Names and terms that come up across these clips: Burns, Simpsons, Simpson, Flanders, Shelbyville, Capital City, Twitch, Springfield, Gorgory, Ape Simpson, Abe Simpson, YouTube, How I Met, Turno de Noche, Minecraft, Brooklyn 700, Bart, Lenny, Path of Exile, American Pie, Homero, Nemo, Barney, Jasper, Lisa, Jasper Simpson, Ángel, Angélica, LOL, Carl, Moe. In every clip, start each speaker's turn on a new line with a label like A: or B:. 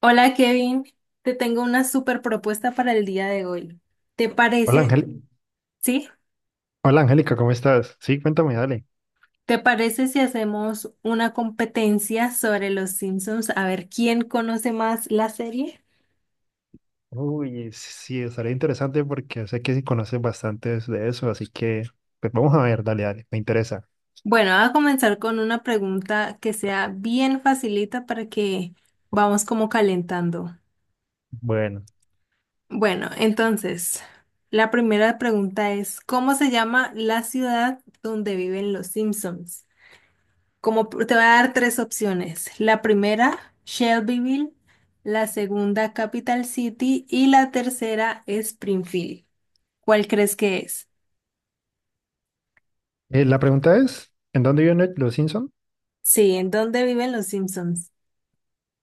A: Hola Kevin, te tengo una super propuesta para el día de hoy. ¿Te
B: Hola,
A: parece,
B: Ángel.
A: sí?
B: Hola Angélica, ¿cómo estás? Sí, cuéntame, dale.
A: ¿Te parece si hacemos una competencia sobre los Simpsons a ver quién conoce más la serie?
B: Uy, sí, estaría interesante porque sé que sí conoces bastantes de eso, así que pues vamos a ver, dale, dale, me interesa.
A: Bueno, voy a comenzar con una pregunta que sea bien facilita para que vamos como calentando.
B: Bueno,
A: Bueno, entonces, la primera pregunta es, ¿cómo se llama la ciudad donde viven los Simpsons? Te voy a dar tres opciones. La primera, Shelbyville, la segunda, Capital City y la tercera, Springfield. ¿Cuál crees que es?
B: la pregunta es, ¿en dónde viven los Simpson?
A: Sí, ¿en dónde viven los Simpsons?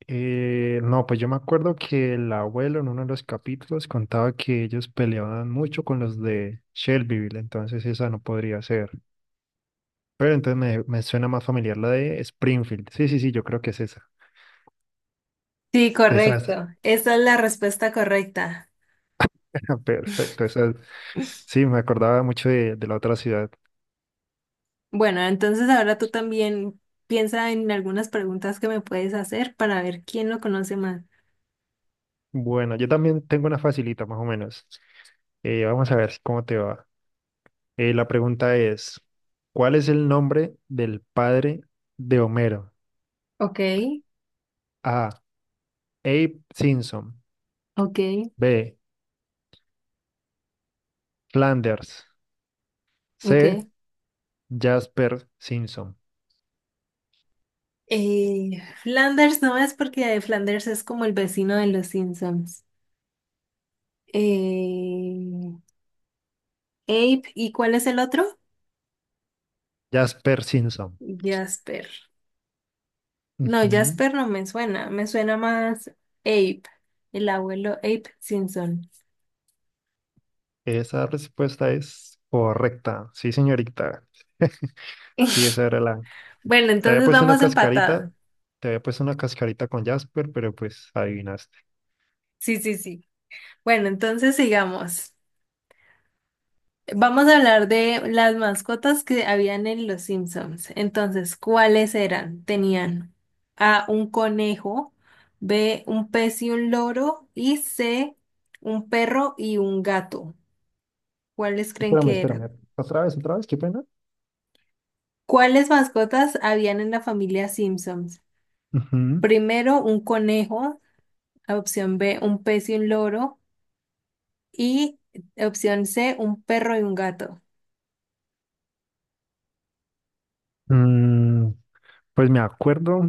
B: No, pues yo me acuerdo que el abuelo en uno de los capítulos contaba que ellos peleaban mucho con los de Shelbyville, entonces esa no podría ser. Pero entonces me suena más familiar la de Springfield. Sí, sí, sí, yo creo que es esa.
A: Sí,
B: Esa es,
A: correcto. Esa es la respuesta correcta.
B: perfecto, esa sí, me acordaba mucho de la otra ciudad.
A: Bueno, entonces ahora tú también piensa en algunas preguntas que me puedes hacer para ver quién lo conoce más.
B: Bueno, yo también tengo una facilita, más o menos. Vamos a ver cómo te va. La pregunta es, ¿cuál es el nombre del padre de Homero?
A: Ok,
B: A. Abe Simpson.
A: ok,
B: B. Flanders.
A: ok.
B: C. Jasper Simpson.
A: Flanders no es porque Flanders es como el vecino de los Simpsons. Eh, Ape, ¿y cuál es el otro?
B: Jasper Simpson.
A: Jasper. No,
B: Ujú.
A: Jasper no me suena, me suena más Ape, el abuelo Ape Simpson.
B: Esa respuesta es correcta. Sí, señorita. Sí, esa era la...
A: Bueno,
B: Te había
A: entonces
B: puesto una
A: vamos empatados.
B: cascarita, te había puesto una cascarita con Jasper, pero pues adivinaste.
A: Sí, sí, sí. Bueno, entonces sigamos. Vamos a hablar de las mascotas que habían en Los Simpsons. Entonces, ¿cuáles eran? Tenían A, un conejo, B, un pez y un loro, y C, un perro y un gato. ¿Cuáles creen
B: Espérame,
A: que eran?
B: espérame. Otra vez, qué pena.
A: ¿Cuáles mascotas habían en la familia Simpsons?
B: Ujú.
A: Primero, un conejo, opción B, un pez y un loro, y opción C, un perro y un gato.
B: Mm, pues me acuerdo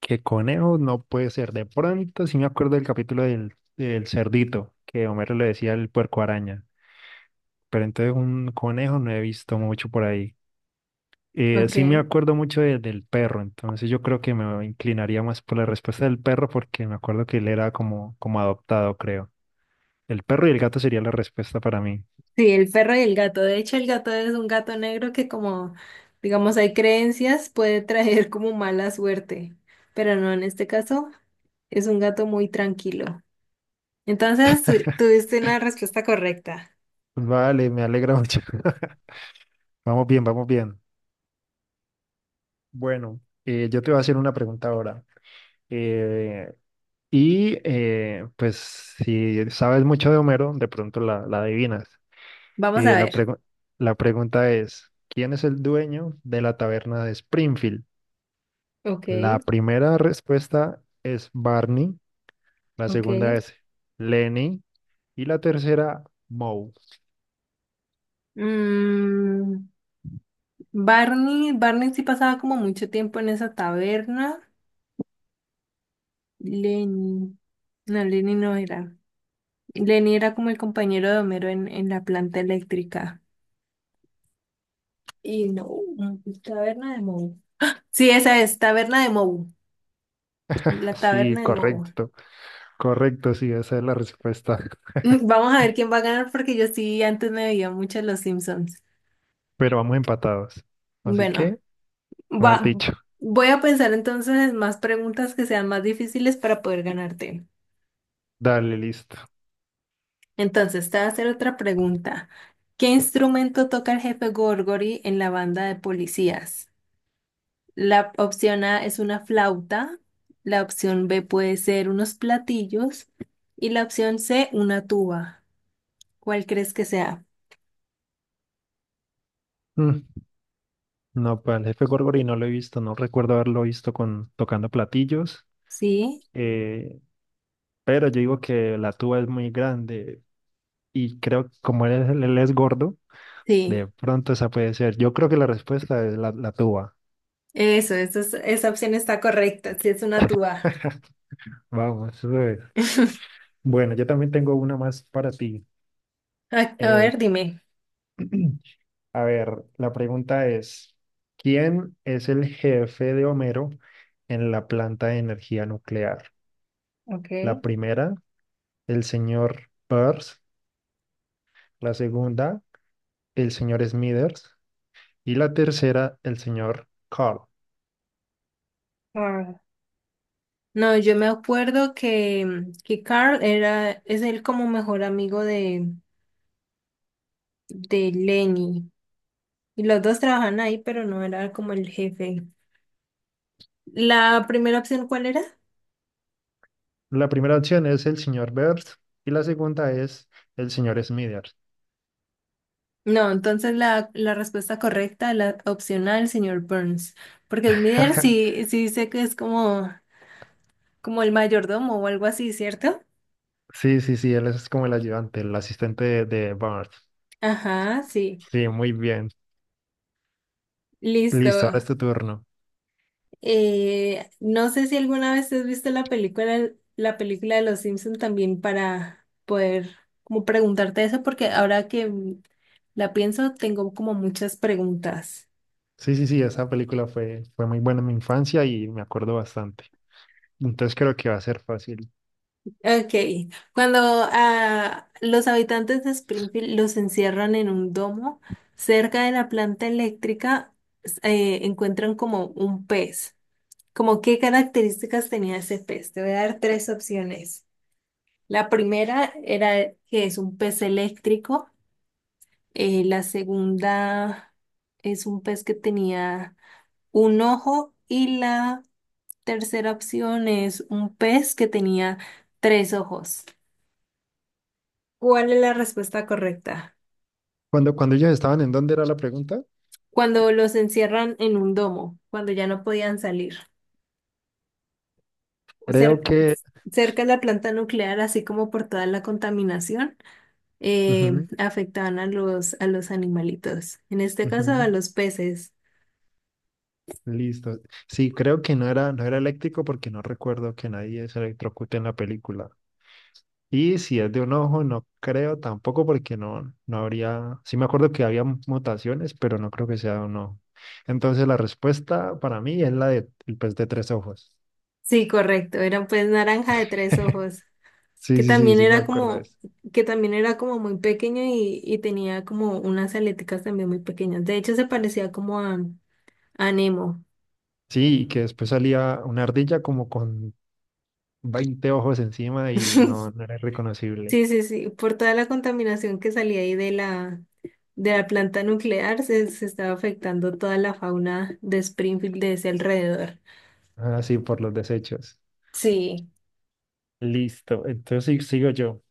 B: que conejo no puede ser. De pronto sí me acuerdo del capítulo del, del cerdito, que Homero le decía el puerco araña. Pero entonces un conejo no he visto mucho por ahí. Sí me
A: Ok.
B: acuerdo mucho del perro, entonces yo creo que me inclinaría más por la respuesta del perro porque me acuerdo que él era como, como adoptado, creo. El perro y el gato sería la respuesta para mí.
A: Sí, el perro y el gato. De hecho, el gato es un gato negro que como, digamos, hay creencias, puede traer como mala suerte, pero no, en este caso es un gato muy tranquilo. Entonces, tuviste una respuesta correcta.
B: Vale, me alegra mucho. Vamos bien, vamos bien. Bueno, yo te voy a hacer una pregunta ahora. Eh, y pues si sabes mucho de Homero, de pronto la adivinas.
A: Vamos a
B: Eh, la
A: ver.
B: pregu- la pregunta es, ¿quién es el dueño de la taberna de Springfield?
A: Ok,
B: La primera respuesta es Barney, la
A: ok.
B: segunda es Lenny y la tercera Moe.
A: Mm, Barney sí pasaba como mucho tiempo en esa taberna. Lenny, no, Lenny no era. Lenny era como el compañero de Homero en la planta eléctrica. Y no, mm, taberna de Moe. Sí, esa es, taberna de Moe, la
B: Sí,
A: taberna de Moe.
B: correcto, correcto, sí, esa es la respuesta.
A: Vamos a ver quién va a ganar porque yo sí antes me veía mucho Los Simpsons.
B: Pero vamos empatados. Así
A: Bueno,
B: que, mejor
A: va,
B: dicho,
A: voy a pensar entonces en más preguntas que sean más difíciles para poder ganarte.
B: dale, listo.
A: Entonces, te voy a hacer otra pregunta. ¿Qué instrumento toca el jefe Gorgory en la banda de policías? La opción A es una flauta, la opción B puede ser unos platillos y la opción C una tuba. ¿Cuál crees que sea?
B: Mm, No, pues el jefe Gorgori no lo he visto, no recuerdo haberlo visto con tocando platillos,
A: Sí,
B: eh, pero yo digo que la tuba es muy grande y creo que como él es gordo,
A: sí,
B: de pronto esa puede ser. Yo creo que la respuesta es la tuba.
A: esa opción está correcta, sí es una tuba.
B: Vamos, eso es. Bueno, yo también tengo una más para ti.
A: A, a
B: Eh,
A: ver, dime.
B: a ver, la pregunta es, ¿quién es el jefe de Homero en la planta de energía nuclear?
A: Okay.
B: La primera, el señor Peirce, la segunda, el señor Smithers y la tercera, el señor Carl.
A: Ah. No, yo me acuerdo que Carl era, es él como mejor amigo de Lenny. Y los dos trabajan ahí, pero no era como el jefe. ¿La primera opción cuál era?
B: La primera opción es el señor Peirce y la segunda es el señor Smithers.
A: No, entonces la respuesta correcta, la opcional, señor Burns. Porque Smithers sí, sí dice que es como, como el mayordomo o algo así, ¿cierto?
B: Sí, sí, sí, él es como el ayudante, el asistente de Bart.
A: Ajá, sí.
B: Sí, muy bien. Listo, ahora
A: Listo.
B: es tu turno.
A: No sé si alguna vez has visto la película de Los Simpson también para poder como preguntarte eso, porque ahora que la pienso, tengo como muchas preguntas.
B: Sí, sí, sí, esa película fue muy buena en mi infancia y me acuerdo bastante. Entonces creo que va a ser fácil.
A: Ok, cuando a los habitantes de Springfield los encierran en un domo, cerca de la planta eléctrica encuentran como un pez. ¿Como qué características tenía ese pez? Te voy a dar tres opciones. La primera era que es un pez eléctrico. La segunda es un pez que tenía un ojo. Y la tercera opción es un pez que tenía tres ojos. ¿Cuál es la respuesta correcta?
B: Cuando ellos estaban, ¿en dónde era la pregunta?
A: Cuando, los encierran en un domo, cuando ya no podían salir, o
B: Creo
A: cer-
B: que...
A: cerca de la planta nuclear, así como por toda la contaminación, eh,
B: ujú,
A: afectaban a los animalitos, en este caso
B: ujú.
A: a los peces.
B: Listo. Sí, creo que no era eléctrico porque no recuerdo que nadie se electrocute en la película. Y si es de un ojo, no creo tampoco porque no habría, sí me acuerdo que había mutaciones, pero no creo que sea de un ojo. Entonces la respuesta para mí es la de el pez de tres ojos.
A: Sí, correcto. Era pues naranja de tres ojos, que
B: Sí, sí, sí,
A: también
B: sí me
A: era
B: acuerdo de
A: como,
B: eso.
A: que también era como muy pequeño y tenía como unas aleticas también muy pequeñas. De hecho, se parecía como a Nemo.
B: Sí, y que después salía una ardilla como con 20 ojos encima y no, no era reconocible.
A: Sí, sí, sí, por toda la contaminación que salía ahí de la planta nuclear, se estaba afectando toda la fauna de Springfield de ese alrededor.
B: Ah, sí, por los desechos.
A: Sí,
B: Listo, entonces sí, sigo yo.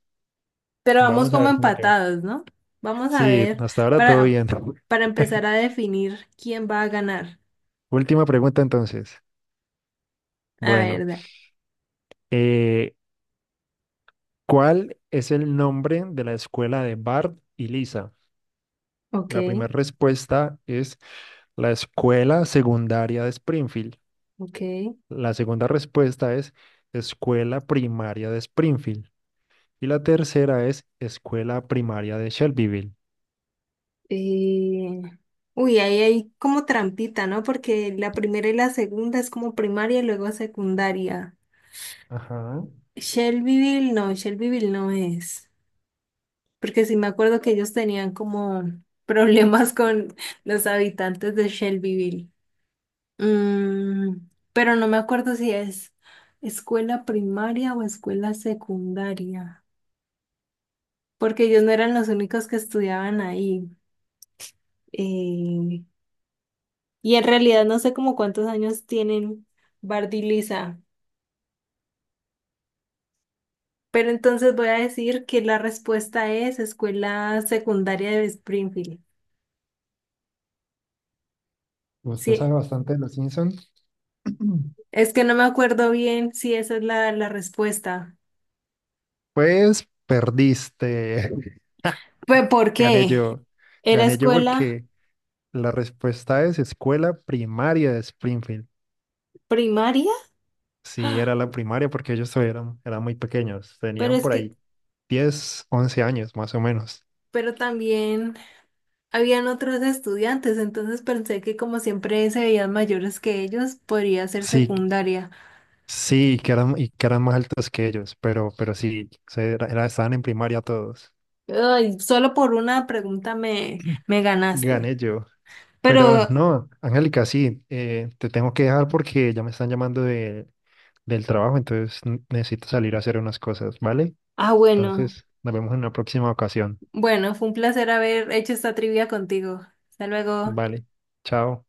A: pero vamos
B: Vamos a
A: como
B: ver cómo te va.
A: empatados, ¿no? Vamos a
B: Sí,
A: ver,
B: hasta ahora todo
A: para,
B: bien.
A: para empezar a definir quién va a ganar.
B: Última pregunta entonces.
A: A
B: Bueno,
A: ver,
B: eh, ¿cuál es el nombre de la escuela de Bart y Lisa? La
A: ok,
B: primera respuesta es la escuela secundaria de Springfield.
A: ok.
B: La segunda respuesta es escuela primaria de Springfield. Y la tercera es escuela primaria de Shelbyville.
A: eh, Uy, ahí hay como trampita, ¿no? Porque la primera y la segunda es como primaria y luego secundaria.
B: Ajá.
A: Shelbyville no es. Porque sí me acuerdo que ellos tenían como problemas con los habitantes de Shelbyville. Mm, pero no me acuerdo si es escuela primaria o escuela secundaria, porque ellos no eran los únicos que estudiaban ahí. Eh, y en realidad no sé como cuántos años tienen Bart y Lisa. Pero entonces voy a decir que la respuesta es escuela secundaria de Springfield.
B: Usted
A: Sí,
B: sabe bastante de los Simpsons.
A: es que no me acuerdo bien si esa es la, la respuesta.
B: Pues perdiste.
A: ¿Pero por
B: Gané
A: qué?
B: yo.
A: ¿Era
B: Gané yo
A: escuela
B: porque la respuesta es escuela primaria de Springfield.
A: primaria?
B: Sí,
A: ¡Ah!
B: era la primaria porque ellos todavía eran muy pequeños.
A: Pero
B: Tenían
A: es
B: por
A: que,
B: ahí 10, 11 años más o menos.
A: pero también habían otros estudiantes, entonces pensé que como siempre se veían mayores que ellos, podría ser
B: Sí,
A: secundaria.
B: sí, y que eran más altos que ellos, pero sí, estaban en primaria todos.
A: Ay, solo por una pregunta me, me ganaste.
B: Gané yo. Pero
A: Pero,
B: no, Angélica, sí, te tengo que dejar porque ya me están llamando del trabajo, entonces necesito salir a hacer unas cosas, ¿vale?
A: ah, bueno,
B: Entonces, nos vemos en una próxima ocasión.
A: bueno, fue un placer haber hecho esta trivia contigo. Hasta luego.
B: Vale, chao.